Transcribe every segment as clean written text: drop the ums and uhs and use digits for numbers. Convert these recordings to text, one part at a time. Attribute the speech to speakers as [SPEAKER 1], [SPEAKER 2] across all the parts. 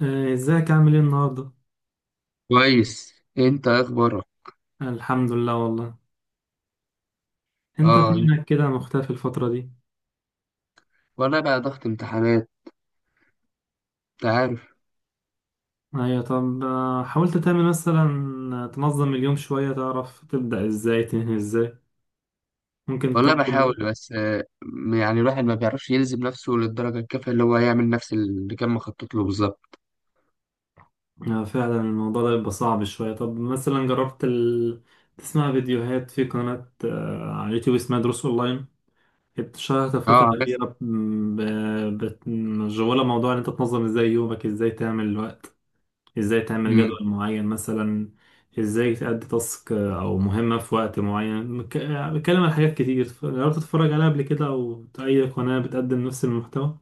[SPEAKER 1] ازيك عامل ايه النهارده؟
[SPEAKER 2] كويس. انت إيه اخبارك؟
[SPEAKER 1] الحمد لله والله. انت
[SPEAKER 2] اه.
[SPEAKER 1] فينك كده مختفي الفترة دي؟
[SPEAKER 2] والله بقى ضغط امتحانات. انت عارف.
[SPEAKER 1] ايوه، طب، حاولت تعمل مثلا تنظم اليوم شوية، تعرف تبدأ ازاي تنهي ازاي؟ ممكن
[SPEAKER 2] والله
[SPEAKER 1] تنظم.
[SPEAKER 2] بحاول، بس يعني الواحد ما بيعرفش يلزم نفسه للدرجة الكافية اللي هو يعمل نفس اللي كان مخطط له بالظبط.
[SPEAKER 1] فعلا الموضوع ده بيبقى صعب شوية. طب مثلا جربت تسمع فيديوهات في قناة على اليوتيوب اسمها دروس اونلاين؟ اتشهرت
[SPEAKER 2] اه،
[SPEAKER 1] الفترة
[SPEAKER 2] عارف.
[SPEAKER 1] الأخيرة مشغولة موضوع ان انت تنظم ازاي يومك، ازاي تعمل الوقت، ازاي تعمل جدول
[SPEAKER 2] مم.
[SPEAKER 1] معين مثلا، ازاي تأدي تاسك او مهمة في وقت معين بتكلم عن حاجات كتير، جربت تتفرج عليها قبل كده او اي قناة بتقدم نفس المحتوى؟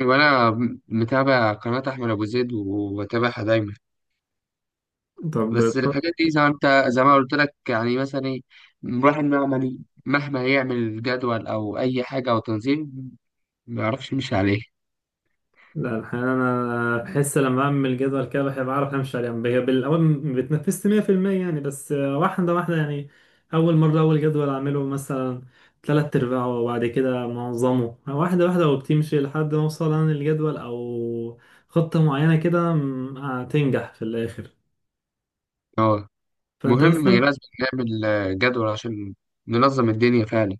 [SPEAKER 2] وانا متابع قناة احمد ابو زيد وبتابعها دايما.
[SPEAKER 1] طب
[SPEAKER 2] بس الحاجات دي زي ما قلت لك، يعني مثلا ايه، الواحد مهما يعمل جدول او اي حاجة او تنظيم، ما يعرفش يمشي عليه.
[SPEAKER 1] لا، الحقيقة أنا بحس لما بعمل جدول كده بحب أعرف همشي عليه، يعني بالأول ما بتنفذت 100% يعني، بس واحدة واحدة يعني. أول مرة أول جدول أعمله مثلا تلات أرباعه، وبعد كده منظمه واحدة واحدة، وبتمشي لحد ما أوصل أنا للجدول أو خطة معينة كده، هتنجح في الآخر.
[SPEAKER 2] اه،
[SPEAKER 1] فأنت
[SPEAKER 2] مهم
[SPEAKER 1] مثلا،
[SPEAKER 2] لازم نعمل جدول عشان ننظم الدنيا فعلا.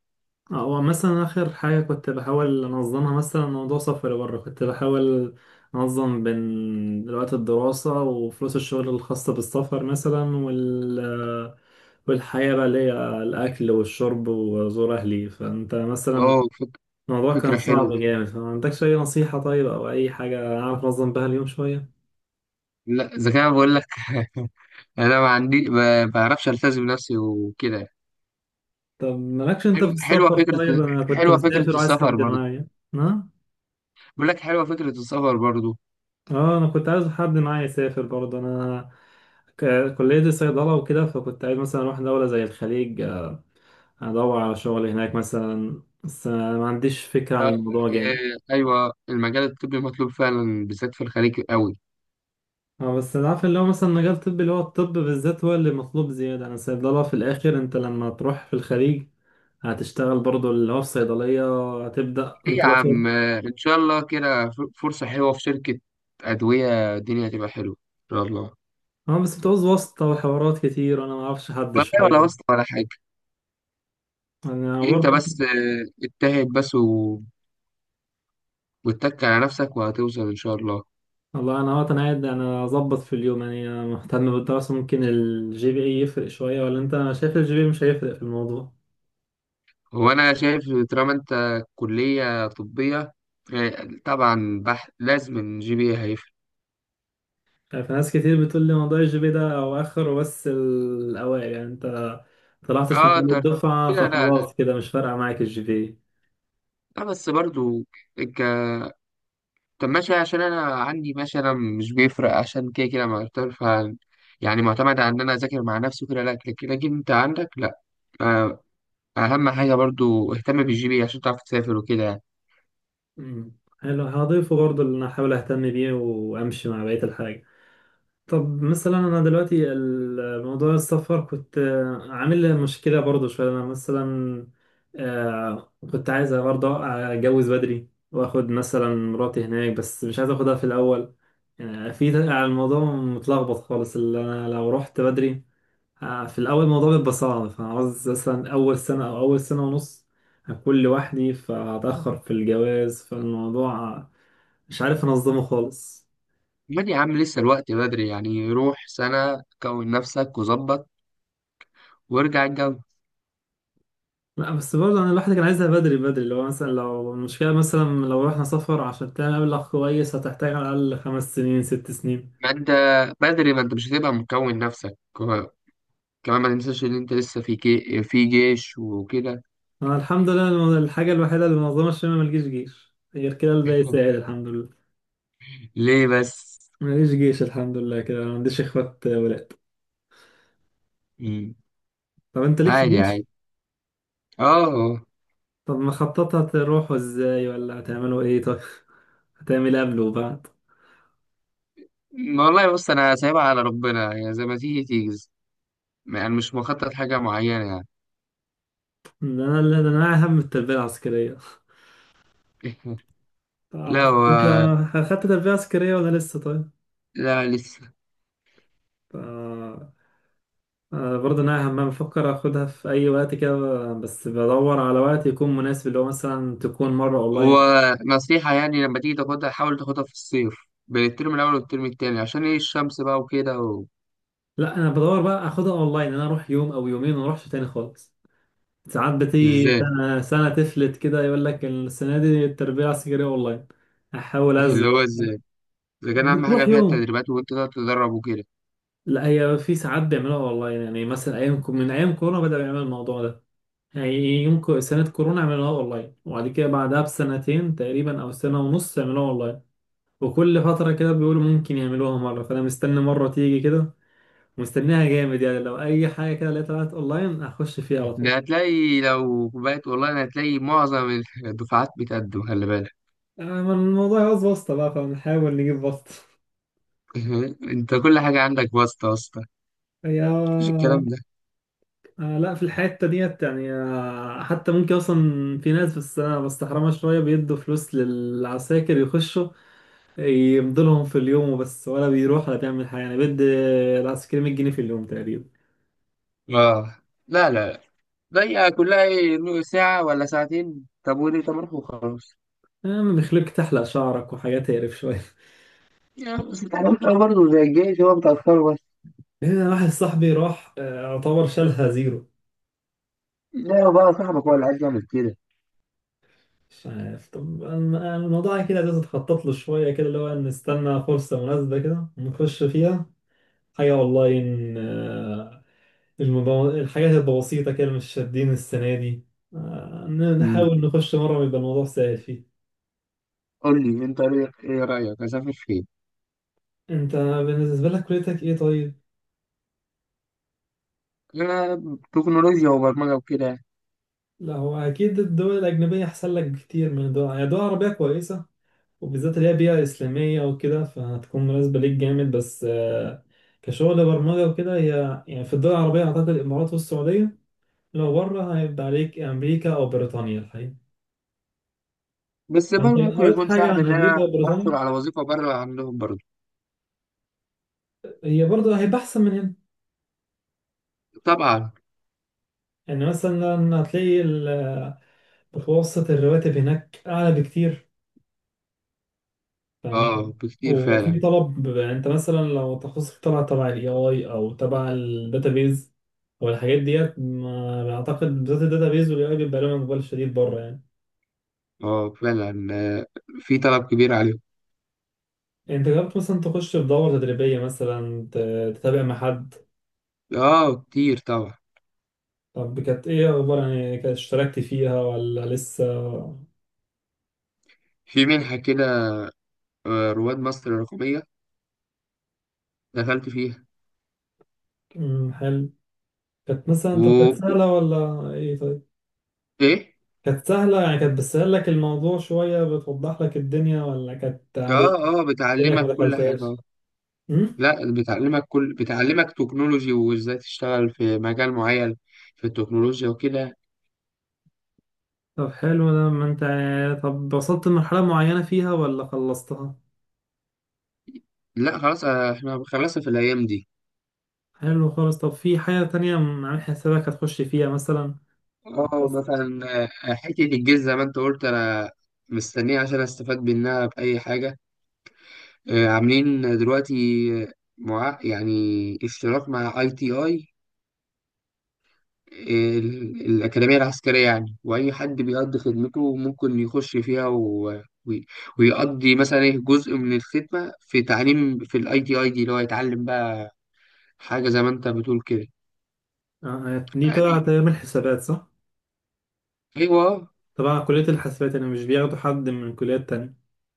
[SPEAKER 1] هو مثلا آخر حاجة كنت بحاول أنظمها مثلا موضوع سفر بره، كنت بحاول أنظم بين وقت الدراسة وفلوس الشغل الخاصة بالسفر مثلا، والحياة بقى اللي هي الأكل والشرب وزور أهلي. فأنت مثلا
[SPEAKER 2] اه،
[SPEAKER 1] الموضوع كان
[SPEAKER 2] فكرة
[SPEAKER 1] صعب
[SPEAKER 2] حلوة.
[SPEAKER 1] جامد، فما عندكش أي نصيحة طيب أو أي حاجة أعرف أنظم بها اليوم شوية؟
[SPEAKER 2] لا، إذا كان بقول لك أنا ما بعرفش ألتزم نفسي وكده.
[SPEAKER 1] طب مالكش أنت في
[SPEAKER 2] حلوة
[SPEAKER 1] السفر؟
[SPEAKER 2] فكرة.
[SPEAKER 1] طيب أنا كنت
[SPEAKER 2] حلوة فكرة
[SPEAKER 1] مسافر وعايز
[SPEAKER 2] السفر
[SPEAKER 1] حد
[SPEAKER 2] برضه.
[SPEAKER 1] معايا. نعم؟
[SPEAKER 2] بقول لك، حلوة فكرة السفر برضه.
[SPEAKER 1] اه انا كنت عايز حد معايا يسافر برضه، انا كلية الصيدلة وكده، فكنت عايز مثلا اروح دولة زي الخليج، ادور على شغل هناك مثلا، بس أنا ما عنديش فكرة عن الموضوع جامد.
[SPEAKER 2] إيه، أيوة المجال الطبي مطلوب فعلا، بالذات في الخليج قوي.
[SPEAKER 1] اه بس أنا عارف اللي هو مثلا مجال طبي اللي هو الطب بالذات هو اللي مطلوب زيادة، انا الصيدلة في الاخر انت لما تروح في الخليج هتشتغل برضه اللي هو في صيدلية. هتبدأ
[SPEAKER 2] إيه
[SPEAKER 1] انت
[SPEAKER 2] يا
[SPEAKER 1] لو
[SPEAKER 2] عم، إن شاء الله كده فرصة حلوة في شركة أدوية، الدنيا هتبقى حلوة إن شاء الله.
[SPEAKER 1] اه بس بتعوز واسطة وحوارات كتير وانا ما اعرفش حد
[SPEAKER 2] ولا ولا
[SPEAKER 1] شوية.
[SPEAKER 2] واسطة ولا حاجة.
[SPEAKER 1] انا
[SPEAKER 2] انت
[SPEAKER 1] برضه،
[SPEAKER 2] بس اجتهد، بس واتك على نفسك وهتوصل ان شاء الله.
[SPEAKER 1] والله انا وقت انا قاعد انا اظبط في اليوم، يعني أنا مهتم بالدراسه. ممكن الجي بي اي يفرق شويه، ولا انت شايف الجي بي إيه مش هيفرق في الموضوع؟
[SPEAKER 2] هو انا شايف، طالما انت كلية طبية، طبعا لازم الـGPA هيفرق.
[SPEAKER 1] يعني في ناس كتير بتقول لي موضوع الجي بي إيه ده اواخر وبس الاوائل، يعني انت طلعتش من
[SPEAKER 2] اه،
[SPEAKER 1] أول
[SPEAKER 2] ترتيب.
[SPEAKER 1] الدفعه
[SPEAKER 2] لا لا لا.
[SPEAKER 1] فخلاص كده مش فارقه معاك الجي بي.
[SPEAKER 2] لا بس برضو ك... طب ماشي، عشان انا عندي ماشي، انا مش بيفرق عشان كده يعني معتمد على ان انا اذاكر مع نفسي وكده. لا، لكن انت عندك. لا، آه، اهم حاجة برضو اهتم بالـGPA عشان تعرف تسافر وكده يعني.
[SPEAKER 1] حلو، هضيفه برضه اللي انا احاول اهتم بيه وامشي مع بقيه الحاجه. طب مثلا انا دلوقتي الموضوع السفر كنت عامل لي مشكله برضه شويه. انا مثلا كنت عايز برضه اتجوز بدري واخد مثلا مراتي هناك، بس مش عايز اخدها في الاول. في الموضوع متلخبط خالص، اللي انا لو رحت بدري في الاول الموضوع بيبقى صعب، فعاوز مثلا اول سنه او اول سنه ونص هكون لوحدي، فهتاخر في الجواز، فالموضوع مش عارف انظمه خالص.
[SPEAKER 2] امال يا عم لسه الوقت بدري يعني، روح سنة كون نفسك وظبط وارجع الجو.
[SPEAKER 1] لا بس برضه انا الواحد كان عايزها بدري بدري، اللي هو مثلا لو المشكله مثلا لو رحنا سفر عشان تعمل مبلغ كويس هتحتاج على الاقل 5 سنين 6 سنين.
[SPEAKER 2] ما انت ما انت مش هتبقى مكون نفسك كمان ما تنساش ان انت لسه في في جيش وكده.
[SPEAKER 1] انا الحمد لله، الحاجه الوحيده اللي منظمه الشمال ملجيش جيش غير كده، الباقي ساعد الحمد لله.
[SPEAKER 2] ليه بس؟
[SPEAKER 1] ماليش جيش الحمد لله، كده ما عنديش اخوات ولاد.
[SPEAKER 2] مم.
[SPEAKER 1] طب انت ليك
[SPEAKER 2] عادي،
[SPEAKER 1] جيش؟
[SPEAKER 2] عادي. اه.
[SPEAKER 1] طب مخططها تروحوا ازاي ولا هتعملوا ايه طيب؟ هتعمل إيه قبل وبعد؟
[SPEAKER 2] ما والله بص، انا سايبها على ربنا، يعني زي ما تيجي تيجي. يعني مش مخطط حاجة معينة يعني.
[SPEAKER 1] ده انا اللي ده انا هم التربيه العسكريه. طب
[SPEAKER 2] لا
[SPEAKER 1] انت اخدت تربيه عسكريه ولا لسه طيب؟
[SPEAKER 2] لا لسه.
[SPEAKER 1] آه، برضه انا هم بفكر اخدها في اي وقت كده، بس بدور على وقت يكون مناسب، اللي هو مثلا تكون مره اونلاين.
[SPEAKER 2] ونصيحة يعني، لما تيجي تاخدها حاول تاخدها في الصيف، بين الترم الأول والترم التاني، عشان إيه الشمس بقى وكده
[SPEAKER 1] لا انا بدور بقى اخدها اونلاين، انا اروح يوم او يومين وما اروحش تاني خالص. ساعات بتيجي
[SPEAKER 2] إزاي؟
[SPEAKER 1] سنه سنه تفلت كده، يقول لك السنه دي التربيه العسكريه اونلاين. احاول ازل.
[SPEAKER 2] اللي هو إزاي، إذا كان أهم حاجة
[SPEAKER 1] بتروح
[SPEAKER 2] فيها
[SPEAKER 1] يوم؟
[SPEAKER 2] التدريبات، وأنت تقعد تدرب وكده.
[SPEAKER 1] لا هي في ساعات بيعملوها اونلاين، يعني مثلا ايام من ايام كورونا بدأوا يعملوا الموضوع ده، يعني يوم سنه كورونا عملوها اونلاين، وبعد كده بعدها بسنتين تقريبا او سنه ونص عملوها اونلاين. وكل فترة كده بيقولوا ممكن يعملوها مرة، فأنا مستني مرة تيجي كده، ومستنيها جامد، يعني لو أي حاجة كده لقيتها طلعت أونلاين هخش فيها على طول.
[SPEAKER 2] ده هتلاقي لو بقيت والله أنا هتلاقي معظم الدفعات بتقدم، خلي بالك.
[SPEAKER 1] ما الموضوع عاوز واسطة بقى، فنحاول نجيب واسطة.
[SPEAKER 2] أنت كل حاجة عندك واسطة واسطة.
[SPEAKER 1] هي
[SPEAKER 2] مفيش الكلام ده.
[SPEAKER 1] لا في الحتة ديت يعني، حتى ممكن أصلا في ناس، بس أنا بستحرمها شوية، بيدوا فلوس للعساكر يخشوا يمضلهم في اليوم وبس، ولا بيروح ولا بيعمل حاجة. يعني بيدي العسكري 100 جنيه في اليوم تقريبا.
[SPEAKER 2] آه. لا لا. لا، هي كلها إيه ساعة ولا ساعتين. طب وليه؟ طب روح وخلاص
[SPEAKER 1] بيخليك تحلق شعرك وحاجات تقرف شوية.
[SPEAKER 2] يعني. بس التعليم برضه زي الجيش، هو بتأخره.
[SPEAKER 1] هنا واحد صاحبي راح يعتبر شالها زيرو.
[SPEAKER 2] لا، هو بقى صاحبك هو اللي عايز يعمل كده.
[SPEAKER 1] مش عارف، طب أنا- الموضوع كده لازم تخطط له شوية كده، اللي هو نستنى فرصة مناسبة كده نخش فيها. حاجة والله إن الحاجات البسيطة كده مش شادين السنة دي.
[SPEAKER 2] امم.
[SPEAKER 1] نحاول نخش مرة ويبقى الموضوع سهل فيه.
[SPEAKER 2] قول لي انت ايه رايك، اسافر فين؟
[SPEAKER 1] أنت بالنسبة لك كليتك إيه طيب؟
[SPEAKER 2] انا تكنولوجيا وبرمجه وكده يعني.
[SPEAKER 1] لا هو أكيد الدول الأجنبية أحسن لك بكتير من الدول، يعني الدول العربية كويسة، وبالذات اللي هي بيئة إسلامية وكده فهتكون مناسبة ليك جامد، بس كشغل برمجة وكده هي يعني في الدول العربية أعتقد الإمارات والسعودية، لو بره هيبقى عليك أمريكا أو بريطانيا الحقيقة.
[SPEAKER 2] بس
[SPEAKER 1] فأنت
[SPEAKER 2] برضه ممكن
[SPEAKER 1] قريت
[SPEAKER 2] يكون
[SPEAKER 1] حاجة
[SPEAKER 2] صعب
[SPEAKER 1] عن
[SPEAKER 2] ان
[SPEAKER 1] أمريكا
[SPEAKER 2] انا احصل
[SPEAKER 1] وبريطانيا؟
[SPEAKER 2] على وظيفه بره عندهم برضه.
[SPEAKER 1] هي برضه هيبقى أحسن من هنا.
[SPEAKER 2] طبعا.
[SPEAKER 1] يعني مثلا هتلاقي متوسط الرواتب هناك أعلى بكتير. تمام.
[SPEAKER 2] اه، بكتير
[SPEAKER 1] وفي
[SPEAKER 2] فعلا.
[SPEAKER 1] طلب، انت مثلا لو تخصصك طلع تبع الاي اي او تبع الداتابيز او الحاجات ديت، ما اعتقد بالذات الداتابيز والاي اي بيبقى لهم اقبال شديد بره يعني.
[SPEAKER 2] اه فعلا، في طلب كبير عليهم.
[SPEAKER 1] انت جربت مثلا تخش في دورة تدريبية مثلا تتابع مع حد؟
[SPEAKER 2] اه، كتير طبعا.
[SPEAKER 1] طب كانت ايه اخبار، يعني كانت اشتركت فيها ولا لسه؟
[SPEAKER 2] في منحه كده رواد مصر الرقميه، دخلت فيها.
[SPEAKER 1] مم، حلو. كانت
[SPEAKER 2] و
[SPEAKER 1] مثلا، طب كانت
[SPEAKER 2] و-
[SPEAKER 1] سهلة ولا ايه طيب؟
[SPEAKER 2] ايه.
[SPEAKER 1] كانت سهلة يعني، كانت بتسهل لك الموضوع شوية بتوضح لك الدنيا، ولا كانت
[SPEAKER 2] اه،
[SPEAKER 1] عادية
[SPEAKER 2] اه،
[SPEAKER 1] كأنك
[SPEAKER 2] بتعلمك
[SPEAKER 1] ما
[SPEAKER 2] كل حاجه.
[SPEAKER 1] دخلتهاش؟
[SPEAKER 2] لا، بتعلمك تكنولوجي وازاي تشتغل في مجال معين في التكنولوجيا وكده.
[SPEAKER 1] طب حلو ده ما انت، طب وصلت لمرحلة معينة فيها ولا خلصتها؟
[SPEAKER 2] لا خلاص، احنا خلصنا في الايام دي.
[SPEAKER 1] حلو خالص، طب في حاجة تانية عامل حسابك هتخش فيها مثلا؟
[SPEAKER 2] اه،
[SPEAKER 1] بس
[SPEAKER 2] مثلا حته الجيش زي ما انت قلت، انا مستنيه عشان استفاد منها باي حاجه. عاملين دلوقتي آه، مع يعني اشتراك مع ITI، الأكاديمية العسكرية يعني، وأي حد بيقضي خدمته ممكن يخش فيها و- ويقضي مثلا إيه جزء من الخدمة في تعليم، في الـITI دي، اللي هو يتعلم بقى حاجة زي ما أنت بتقول كده.
[SPEAKER 1] دي تبع
[SPEAKER 2] عادي.
[SPEAKER 1] تعمل حسابات صح؟
[SPEAKER 2] أيوه، آه.
[SPEAKER 1] تبع كلية الحاسبات يعني، مش بياخدوا حد من كليات تانية؟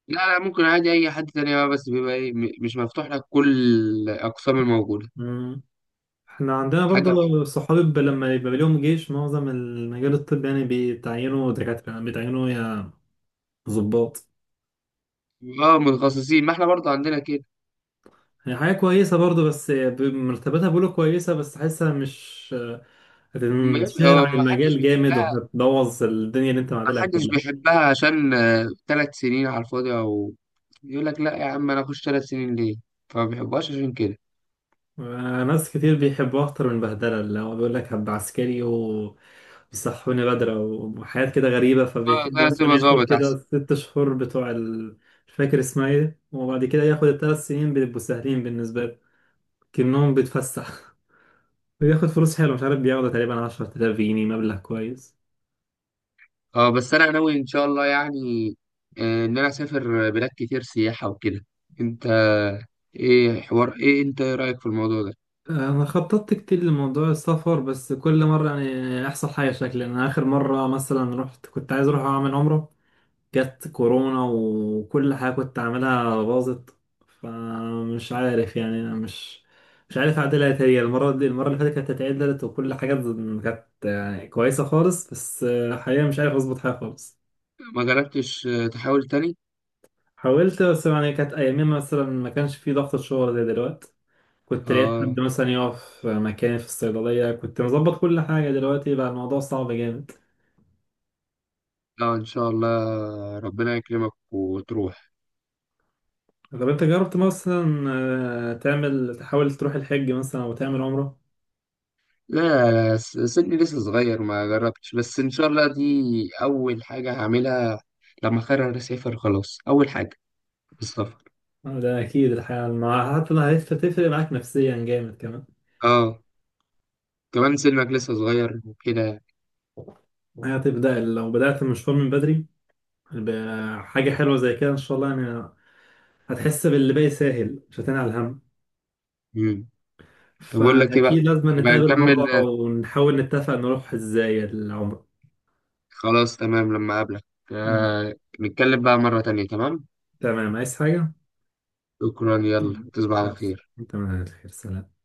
[SPEAKER 2] لا لا، ممكن عادي أي حد تاني بقى، بس بيبقى إيه مش مفتوح لك كل الأقسام الموجودة.
[SPEAKER 1] مم. احنا عندنا
[SPEAKER 2] حاجة.
[SPEAKER 1] برضو صحابي لما يبقى ليهم جيش معظم المجال الطبي يعني بيتعينوا دكاترة، يعني بيتعينوا يا ضباط.
[SPEAKER 2] اه، متخصصين، ما احنا برضه عندنا كده.
[SPEAKER 1] يعني حاجة كويسة برضو، بس مرتباتها بيقولوا كويسة، بس حاسة مش
[SPEAKER 2] ما يبقى-
[SPEAKER 1] هتنشهر
[SPEAKER 2] هو
[SPEAKER 1] عن
[SPEAKER 2] ما حدش
[SPEAKER 1] المجال جامد
[SPEAKER 2] بيحبها،
[SPEAKER 1] وهتبوظ الدنيا اللي انت معادلها
[SPEAKER 2] محدش
[SPEAKER 1] كلها.
[SPEAKER 2] بيحبها، عشان 3 سنين على الفاضي، او يقول لك لا يا عم انا اخش 3 سنين ليه؟ فما بيحبوهاش عشان كده.
[SPEAKER 1] ناس كتير بيحبوا اكتر من بهدله، اللي هو بيقول لك هبقى عسكري وبيصحوني بدري وحاجات كده غريبه،
[SPEAKER 2] اه،
[SPEAKER 1] فبيحب
[SPEAKER 2] ده
[SPEAKER 1] مثلا
[SPEAKER 2] سيبها
[SPEAKER 1] ياخد
[SPEAKER 2] ظابط
[SPEAKER 1] كده
[SPEAKER 2] احسن.
[SPEAKER 1] 6 شهور بتوع مش فاكر اسمها ايه، وبعد كده ياخد ال3 سنين بيبقوا سهلين بالنسبه له كأنهم بيتفسح. وياخد فلوس حلوه، مش عارف بياخد تقريبا 10000 جنيه، مبلغ كويس.
[SPEAKER 2] اه بس انا ناوي ان شاء الله يعني ان انا اسافر بلاد كتير سياحة وكده. انت، ايه حوار ايه انت ايه رايك في الموضوع ده؟
[SPEAKER 1] انا خططت كتير لموضوع السفر، بس كل مره يعني احصل حاجه، شكلي انا اخر مره مثلا رحت كنت عايز اروح اعمل عمره، جت كورونا وكل حاجه كنت عاملها باظت. فمش عارف يعني انا مش عارف اعدلها إيه تاني. المره دي المره اللي فاتت كانت اتعدلت وكل حاجه كانت يعني كويسه خالص، بس حقيقه مش عارف اظبط حاجه خالص.
[SPEAKER 2] ما جربتش تحاول تاني.
[SPEAKER 1] حاولت، بس يعني كانت ايامين مثلا ما كانش في ضغط الشغل زي دلوقتي، كنت لقيت
[SPEAKER 2] اه،
[SPEAKER 1] حد مثلا يقف مكاني في الصيدلية، كنت مظبط كل حاجة. دلوقتي بقى الموضوع صعب جامد.
[SPEAKER 2] لا ان شاء الله ربنا يكرمك وتروح.
[SPEAKER 1] طب انت جربت مثلا تعمل تحاول تروح الحج مثلا او تعمل عمرة؟
[SPEAKER 2] لا لا، سني لسه صغير، ما جربتش، بس ان شاء الله دي اول حاجه هعملها. لما اقرر اسافر خلاص، اول حاجه السفر.
[SPEAKER 1] ده اكيد الحقيقة، مع حتى لو هتفرق معاك نفسيا جامد كمان.
[SPEAKER 2] اه، كمان سنك لسه صغير وكده.
[SPEAKER 1] هتبدأ لو بدأت المشوار من بدري بحاجة حلوة زي كده ان شاء الله يعني، هتحس باللي باقي ساهل مش هتنعي الهم.
[SPEAKER 2] مم. طب اقول لك ايه
[SPEAKER 1] فأكيد
[SPEAKER 2] بقى،
[SPEAKER 1] لازم
[SPEAKER 2] يبقى
[SPEAKER 1] نتقابل مرة
[SPEAKER 2] نكمل،
[SPEAKER 1] ونحاول نتفق نروح ازاي العمرة.
[SPEAKER 2] خلاص تمام لما اقابلك
[SPEAKER 1] ماشي.
[SPEAKER 2] آه نتكلم بقى مره تانية، تمام.
[SPEAKER 1] تمام، عايز حاجة؟
[SPEAKER 2] شكرا، يلا تصبح على
[SPEAKER 1] مع السلامة.
[SPEAKER 2] خير.
[SPEAKER 1] أنت من أهل الخير، سلام.